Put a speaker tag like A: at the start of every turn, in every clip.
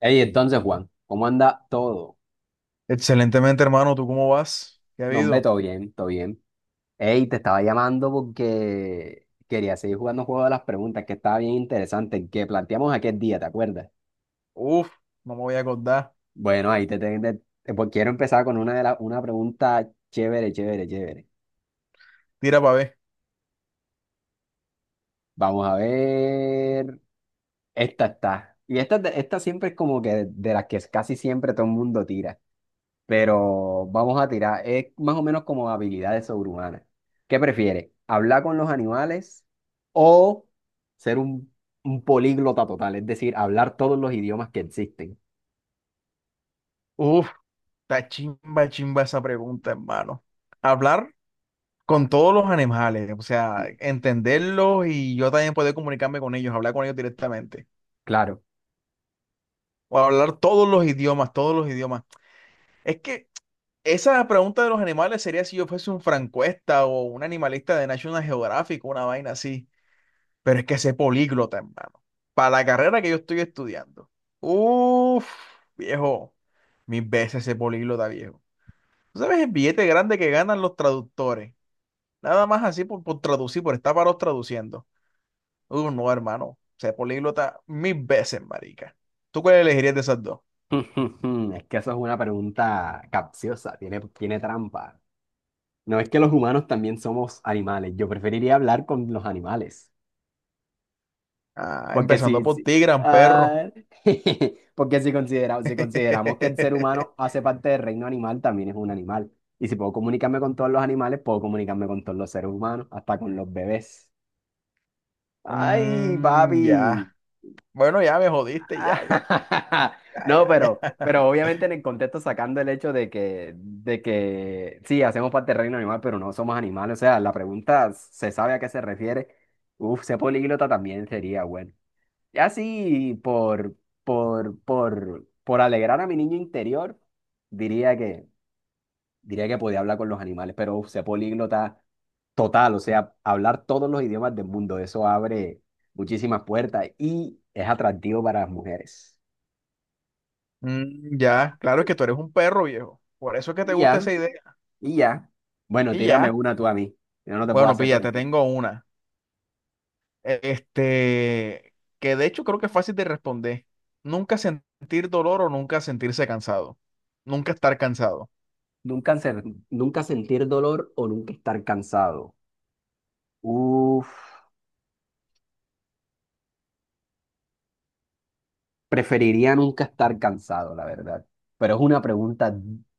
A: Ey, entonces, Juan, ¿cómo anda todo?
B: Excelentemente, hermano. ¿Tú cómo vas? ¿Qué ha
A: No, hombre,
B: habido?
A: todo bien, todo bien. Ey, te estaba llamando porque quería seguir jugando juego de las preguntas, que estaba bien interesante, que planteamos aquel día, ¿te acuerdas?
B: Uf, no me voy a acordar.
A: Bueno, ahí pues quiero empezar con una de las una pregunta chévere, chévere, chévere.
B: Tira para ver.
A: Vamos a ver. Esta está. Y esta siempre es como que de las que casi siempre todo el mundo tira, pero vamos a tirar. Es más o menos como habilidades sobrehumanas. ¿Qué prefieres? ¿Hablar con los animales o ser un políglota total? Es decir, hablar todos los idiomas que existen.
B: Uf, está chimba, chimba esa pregunta, hermano. Hablar con todos los animales, o sea,
A: Sí.
B: entenderlos y yo también poder comunicarme con ellos, hablar con ellos directamente.
A: Claro.
B: O hablar todos los idiomas, todos los idiomas. Es que esa pregunta de los animales sería si yo fuese un francuesta o un animalista de National Geographic, una vaina así. Pero es que ese políglota, hermano, para la carrera que yo estoy estudiando. Uf, viejo, mil veces ese políglota, viejo. ¿Tú sabes el billete grande que ganan los traductores? Nada más así por traducir, por estar varos traduciendo. No, hermano, ese políglota mil veces, marica. ¿Tú cuál elegirías de esas dos?
A: Es que eso es una pregunta capciosa, tiene trampa. No, es que los humanos también somos animales. Yo preferiría hablar con los animales.
B: Ah,
A: Porque
B: empezando
A: si,
B: por
A: si-
B: ti, gran perro.
A: ah, porque si, considera- Si consideramos que el ser humano hace parte del reino animal, también es un animal. Y si puedo comunicarme con todos los animales, puedo comunicarme con todos los seres humanos, hasta con los bebés. ¡Ay,
B: Mm,
A: papi!
B: ya. Bueno, ya me jodiste, ya, ya, ya,
A: No,
B: ya, ya.
A: pero obviamente en el contexto, sacando el hecho de que, sí, hacemos parte del reino animal, pero no somos animales. O sea, la pregunta se sabe a qué se refiere. Uf, ser políglota también sería bueno. Así por alegrar a mi niño interior, diría que, diría que podía hablar con los animales, pero uf, ser políglota total, o sea, hablar todos los idiomas del mundo, eso abre muchísimas puertas y es atractivo para las mujeres.
B: Mm,
A: Ah,
B: ya, claro es que tú eres un perro viejo. Por eso es que te
A: y
B: gusta
A: ya,
B: esa idea.
A: y ya. Bueno,
B: Y
A: tírame
B: ya.
A: una tú a mí, yo no te puedo
B: Bueno,
A: hacer todo.
B: pilla,
A: ¿Y
B: te
A: tú?
B: tengo una. Este, que de hecho creo que es fácil de responder. Nunca sentir dolor o nunca sentirse cansado. Nunca estar cansado.
A: Nunca, ser- Nunca sentir dolor o nunca estar cansado. Uf. Preferiría nunca estar cansado, la verdad. Pero es una pregunta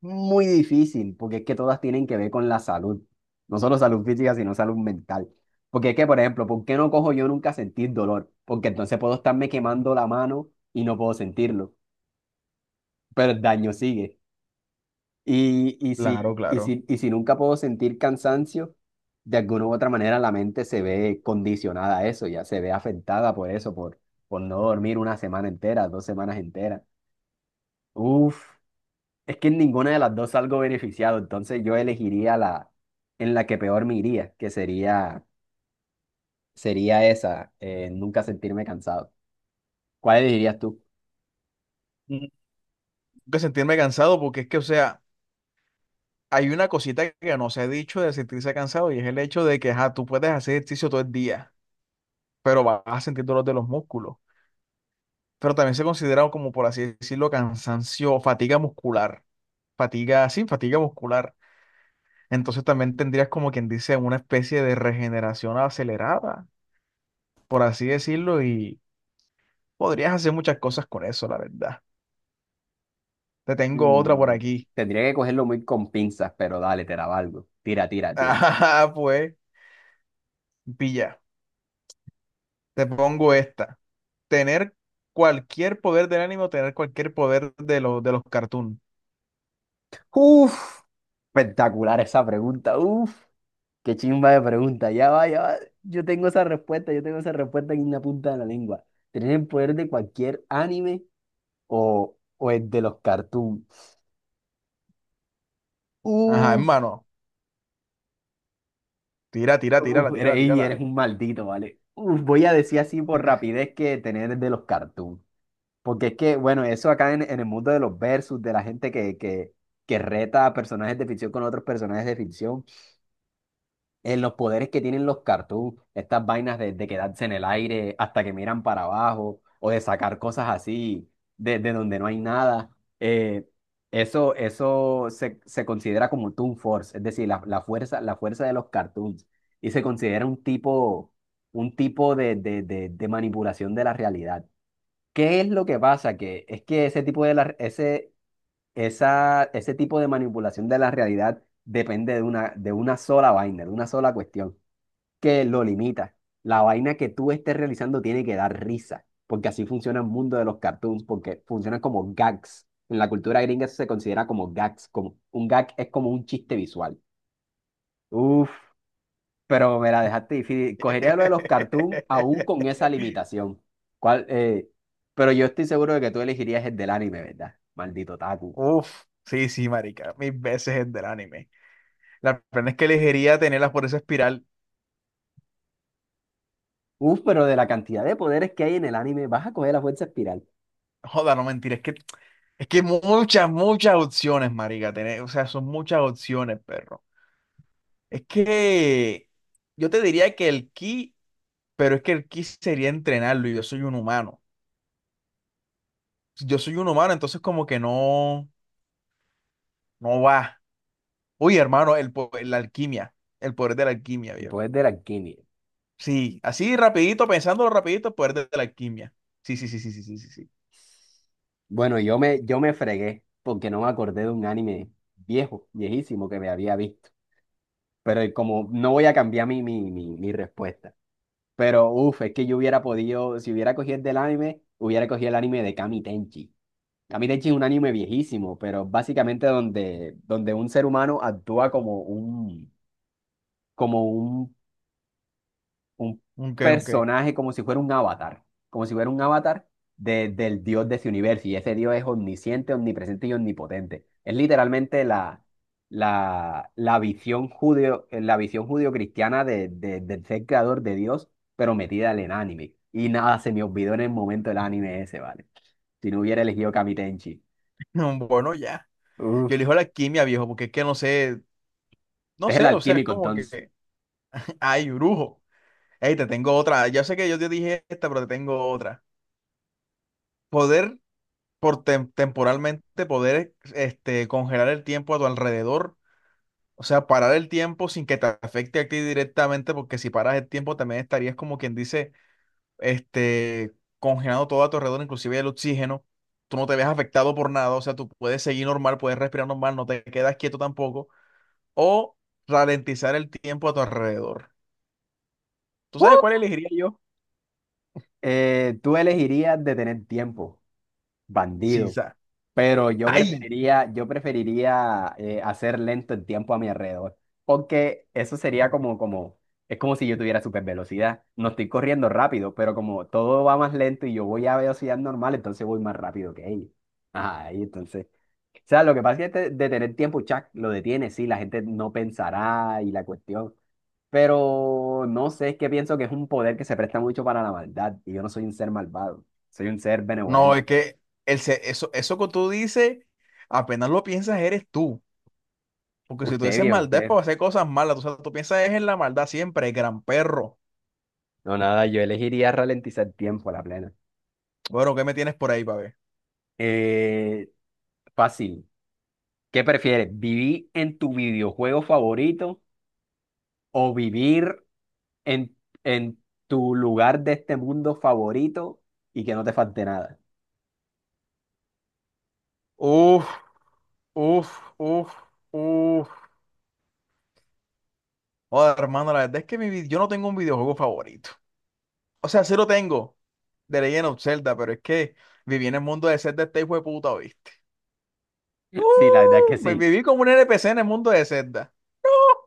A: muy difícil, porque es que todas tienen que ver con la salud. No solo salud física, sino salud mental. Porque es que, por ejemplo, ¿por qué no cojo yo nunca sentir dolor? Porque entonces puedo estarme quemando la mano y no puedo sentirlo, pero el daño sigue. Y,
B: Claro, claro.
A: y si nunca puedo sentir cansancio, de alguna u otra manera la mente se ve condicionada a eso, ya se ve afectada por eso, por no dormir una semana entera, dos semanas enteras. Uf, es que en ninguna de las dos salgo beneficiado, entonces yo elegiría la en la que peor me iría, sería esa, nunca sentirme cansado. ¿Cuál elegirías tú?
B: Mm, nunca sentirme cansado porque es que, o sea, hay una cosita que no se ha dicho de sentirse cansado y es el hecho de que, ajá, tú puedes hacer ejercicio todo el día, pero vas a sentir dolor de los músculos. Pero también se considera como, por así decirlo, cansancio, o fatiga muscular. Fatiga, sí, fatiga muscular. Entonces también tendrías como quien dice una especie de regeneración acelerada, por así decirlo, y podrías hacer muchas cosas con eso, la verdad. Te tengo otra por
A: Mm,
B: aquí.
A: tendría que cogerlo muy con pinzas, pero dale, te la valgo. Tira, tira, tira.
B: Ah, pues, pilla, te pongo esta. Tener cualquier poder del ánimo, tener cualquier poder de los cartoons.
A: Uf, espectacular esa pregunta. Uf, qué chimba de pregunta. Ya va, ya va. Yo tengo esa respuesta, yo tengo esa respuesta en la punta de la lengua. ¿Tener el poder de cualquier anime o el de los cartoons?
B: Ajá,
A: Uf.
B: hermano. Tira, tira,
A: Uf,
B: tírala,
A: eres,
B: tírala,
A: ey, eres
B: tírala.
A: un maldito, ¿vale? Uf, voy a decir así por rapidez que tener de los cartoons. Porque es que, bueno, eso acá en el mundo de los versus, de la gente que reta a personajes de ficción con otros personajes de ficción en los poderes que tienen los cartoons, estas vainas de quedarse en el aire hasta que miran para abajo o de sacar cosas así de donde no hay nada, eh, eso se, se considera como Toon Force, es decir, la, la fuerza de los cartoons y se considera un tipo de manipulación de la realidad. ¿Qué es lo que pasa? Que es que ese tipo de manipulación de la realidad depende de una sola vaina, de una sola cuestión que lo limita. La vaina que tú estés realizando tiene que dar risa, porque así funciona el mundo de los cartoons, porque funcionan como gags. En la cultura gringa eso se considera como gags, como un gag es como un chiste visual. Uf, pero me la dejaste difícil. Cogería lo de los cartoons aún con esa limitación. ¿Cuál, eh, ¿Pero yo estoy seguro de que tú elegirías el del anime, verdad? Maldito Taku.
B: Uf, sí, sí, marica, mil veces el del anime. La pena es que elegiría tenerlas por esa espiral.
A: Uf, pero de la cantidad de poderes que hay en el anime, vas a coger la fuerza espiral,
B: Joda, no mentir, es que muchas, muchas opciones, marica, tener, o sea, son muchas opciones, perro. Es que yo te diría que el ki, pero es que el ki sería entrenarlo y yo soy un humano. Si yo soy un humano, entonces como que no, no va. Uy, hermano, la alquimia, el poder de la alquimia,
A: el
B: viejo.
A: poder de la alquimia.
B: Sí, así rapidito, pensándolo rapidito, el poder de la alquimia. Sí, sí, sí, sí, sí, sí, sí, sí.
A: Bueno, yo me fregué porque no me acordé de un anime viejo, viejísimo que me había visto. Pero como no voy a cambiar mi respuesta. Pero uff, es que yo hubiera podido, si hubiera cogido el del anime, hubiera cogido el anime de Kami Tenchi. Kami Tenchi es un anime viejísimo, pero básicamente donde un ser humano actúa como un
B: Ok, ok.
A: personaje como si fuera un avatar, como si fuera un avatar del dios de ese universo. Y ese dios es omnisciente, omnipresente y omnipotente. Es literalmente la visión judío, la visión judío-cristiana de, del ser creador de Dios, pero metida en el anime. Y nada, se me olvidó en el momento el anime ese, ¿vale? Si no, hubiera elegido Kamitenchi.
B: No, bueno, ya.
A: Uf,
B: Yo elijo la quimia, viejo, porque es que no
A: es el
B: sé, o sea, es
A: alquímico
B: como
A: entonces.
B: que, ay, brujo. Ey, te tengo otra. Ya sé que yo te dije esta, pero te tengo otra. Poder, por temporalmente, poder, este, congelar el tiempo a tu alrededor. O sea, parar el tiempo sin que te afecte a ti directamente, porque si paras el tiempo también estarías como quien dice, este, congelando todo a tu alrededor, inclusive el oxígeno. Tú no te ves afectado por nada, o sea, tú puedes seguir normal, puedes respirar normal, no te quedas quieto tampoco o ralentizar el tiempo a tu alrededor. ¿Tú sabes
A: ¡Uh!
B: cuál elegiría yo?
A: Tú elegirías de tener tiempo, bandido.
B: Sisa.
A: Pero
B: Ay,
A: yo preferiría hacer lento el tiempo a mi alrededor, porque eso sería es como si yo tuviera super velocidad. No estoy corriendo rápido, pero como todo va más lento y yo voy a velocidad normal, entonces voy más rápido que ellos. Ajá, y entonces, o sea, lo que pasa es que detener tiempo, Chuck lo detiene, sí, la gente no pensará y la cuestión, pero no sé, es que pienso que es un poder que se presta mucho para la maldad y yo no soy un ser malvado, soy un ser
B: no,
A: benevolente.
B: es que eso, eso que tú dices, apenas lo piensas, eres tú. Porque si tú
A: Usted,
B: dices
A: viejo,
B: maldad es
A: usted.
B: para hacer cosas malas, tú, sabes, tú piensas es en la maldad siempre, gran perro.
A: No, nada, yo elegiría ralentizar tiempo a la plena.
B: Bueno, ¿qué me tienes por ahí, pa' ver?
A: Eh, fácil. ¿Qué prefieres? ¿Vivir en tu videojuego favorito o vivir en, en tu lugar de este mundo favorito y que no te falte nada?
B: Uf, uf, uf, uf. Joder, hermano, la verdad es que yo no tengo un videojuego favorito. O sea, sí lo tengo, de Legend of Zelda, pero es que viví en el mundo de Zelda este hijo de puta, ¿viste?
A: Sí, la verdad es que
B: Me
A: sí.
B: viví como un NPC en el mundo de Zelda.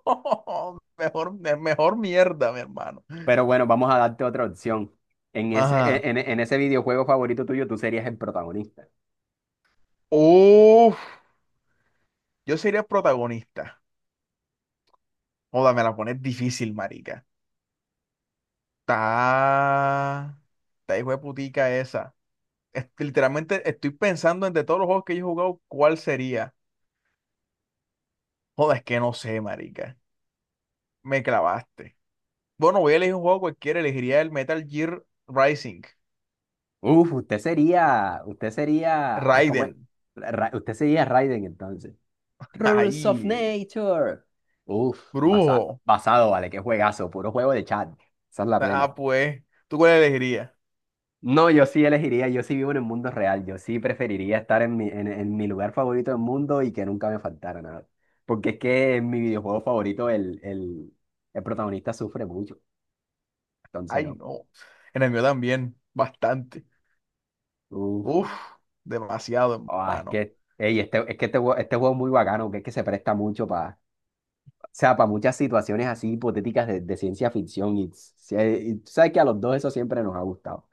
B: Mejor, mejor mierda, mi hermano.
A: Pero bueno, vamos a darte otra opción. En ese,
B: Ajá.
A: en ese videojuego favorito tuyo, tú serías el protagonista.
B: Uf, yo sería el protagonista. Joda, me la pones difícil, marica. Está. Está hijo de putica esa. Literalmente estoy pensando entre todos los juegos que yo he jugado, ¿cuál sería? Joda, es que no sé, marica. Me clavaste. Bueno, voy a elegir un juego cualquiera. Elegiría el Metal Gear Rising.
A: Uf, usted sería, ay, ¿cómo es?
B: Raiden.
A: Usted sería Raiden entonces. Rules of
B: Ahí,
A: Nature. Uf,
B: brujo.
A: basado, vale, qué juegazo, puro juego de chat. Esa es la plena.
B: Ah, pues, ¿tú cuál elegirías?
A: No, yo sí vivo en el mundo real, yo sí preferiría estar en en mi lugar favorito del mundo y que nunca me faltara nada. Porque es que en mi videojuego favorito el protagonista sufre mucho, entonces
B: Ay,
A: no.
B: no. En el mío también, bastante.
A: Uf,
B: Uf, demasiado,
A: ah, es
B: hermano.
A: que, ey, este, es que este, jue- este juego es muy bacano, que es que se presta mucho para, o sea, para muchas situaciones así hipotéticas de ciencia ficción y tú sabes que a los dos eso siempre nos ha gustado.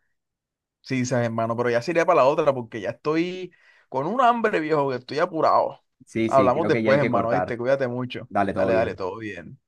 B: Sí, sabes, hermano, pero ya sería para la otra porque ya estoy con un hambre, viejo, que estoy apurado.
A: Sí, sí,
B: Hablamos
A: creo que ya
B: después,
A: hay que
B: hermano, ¿viste?
A: cortar.
B: Cuídate mucho.
A: Dale, todo
B: Dale, dale,
A: bien.
B: todo bien.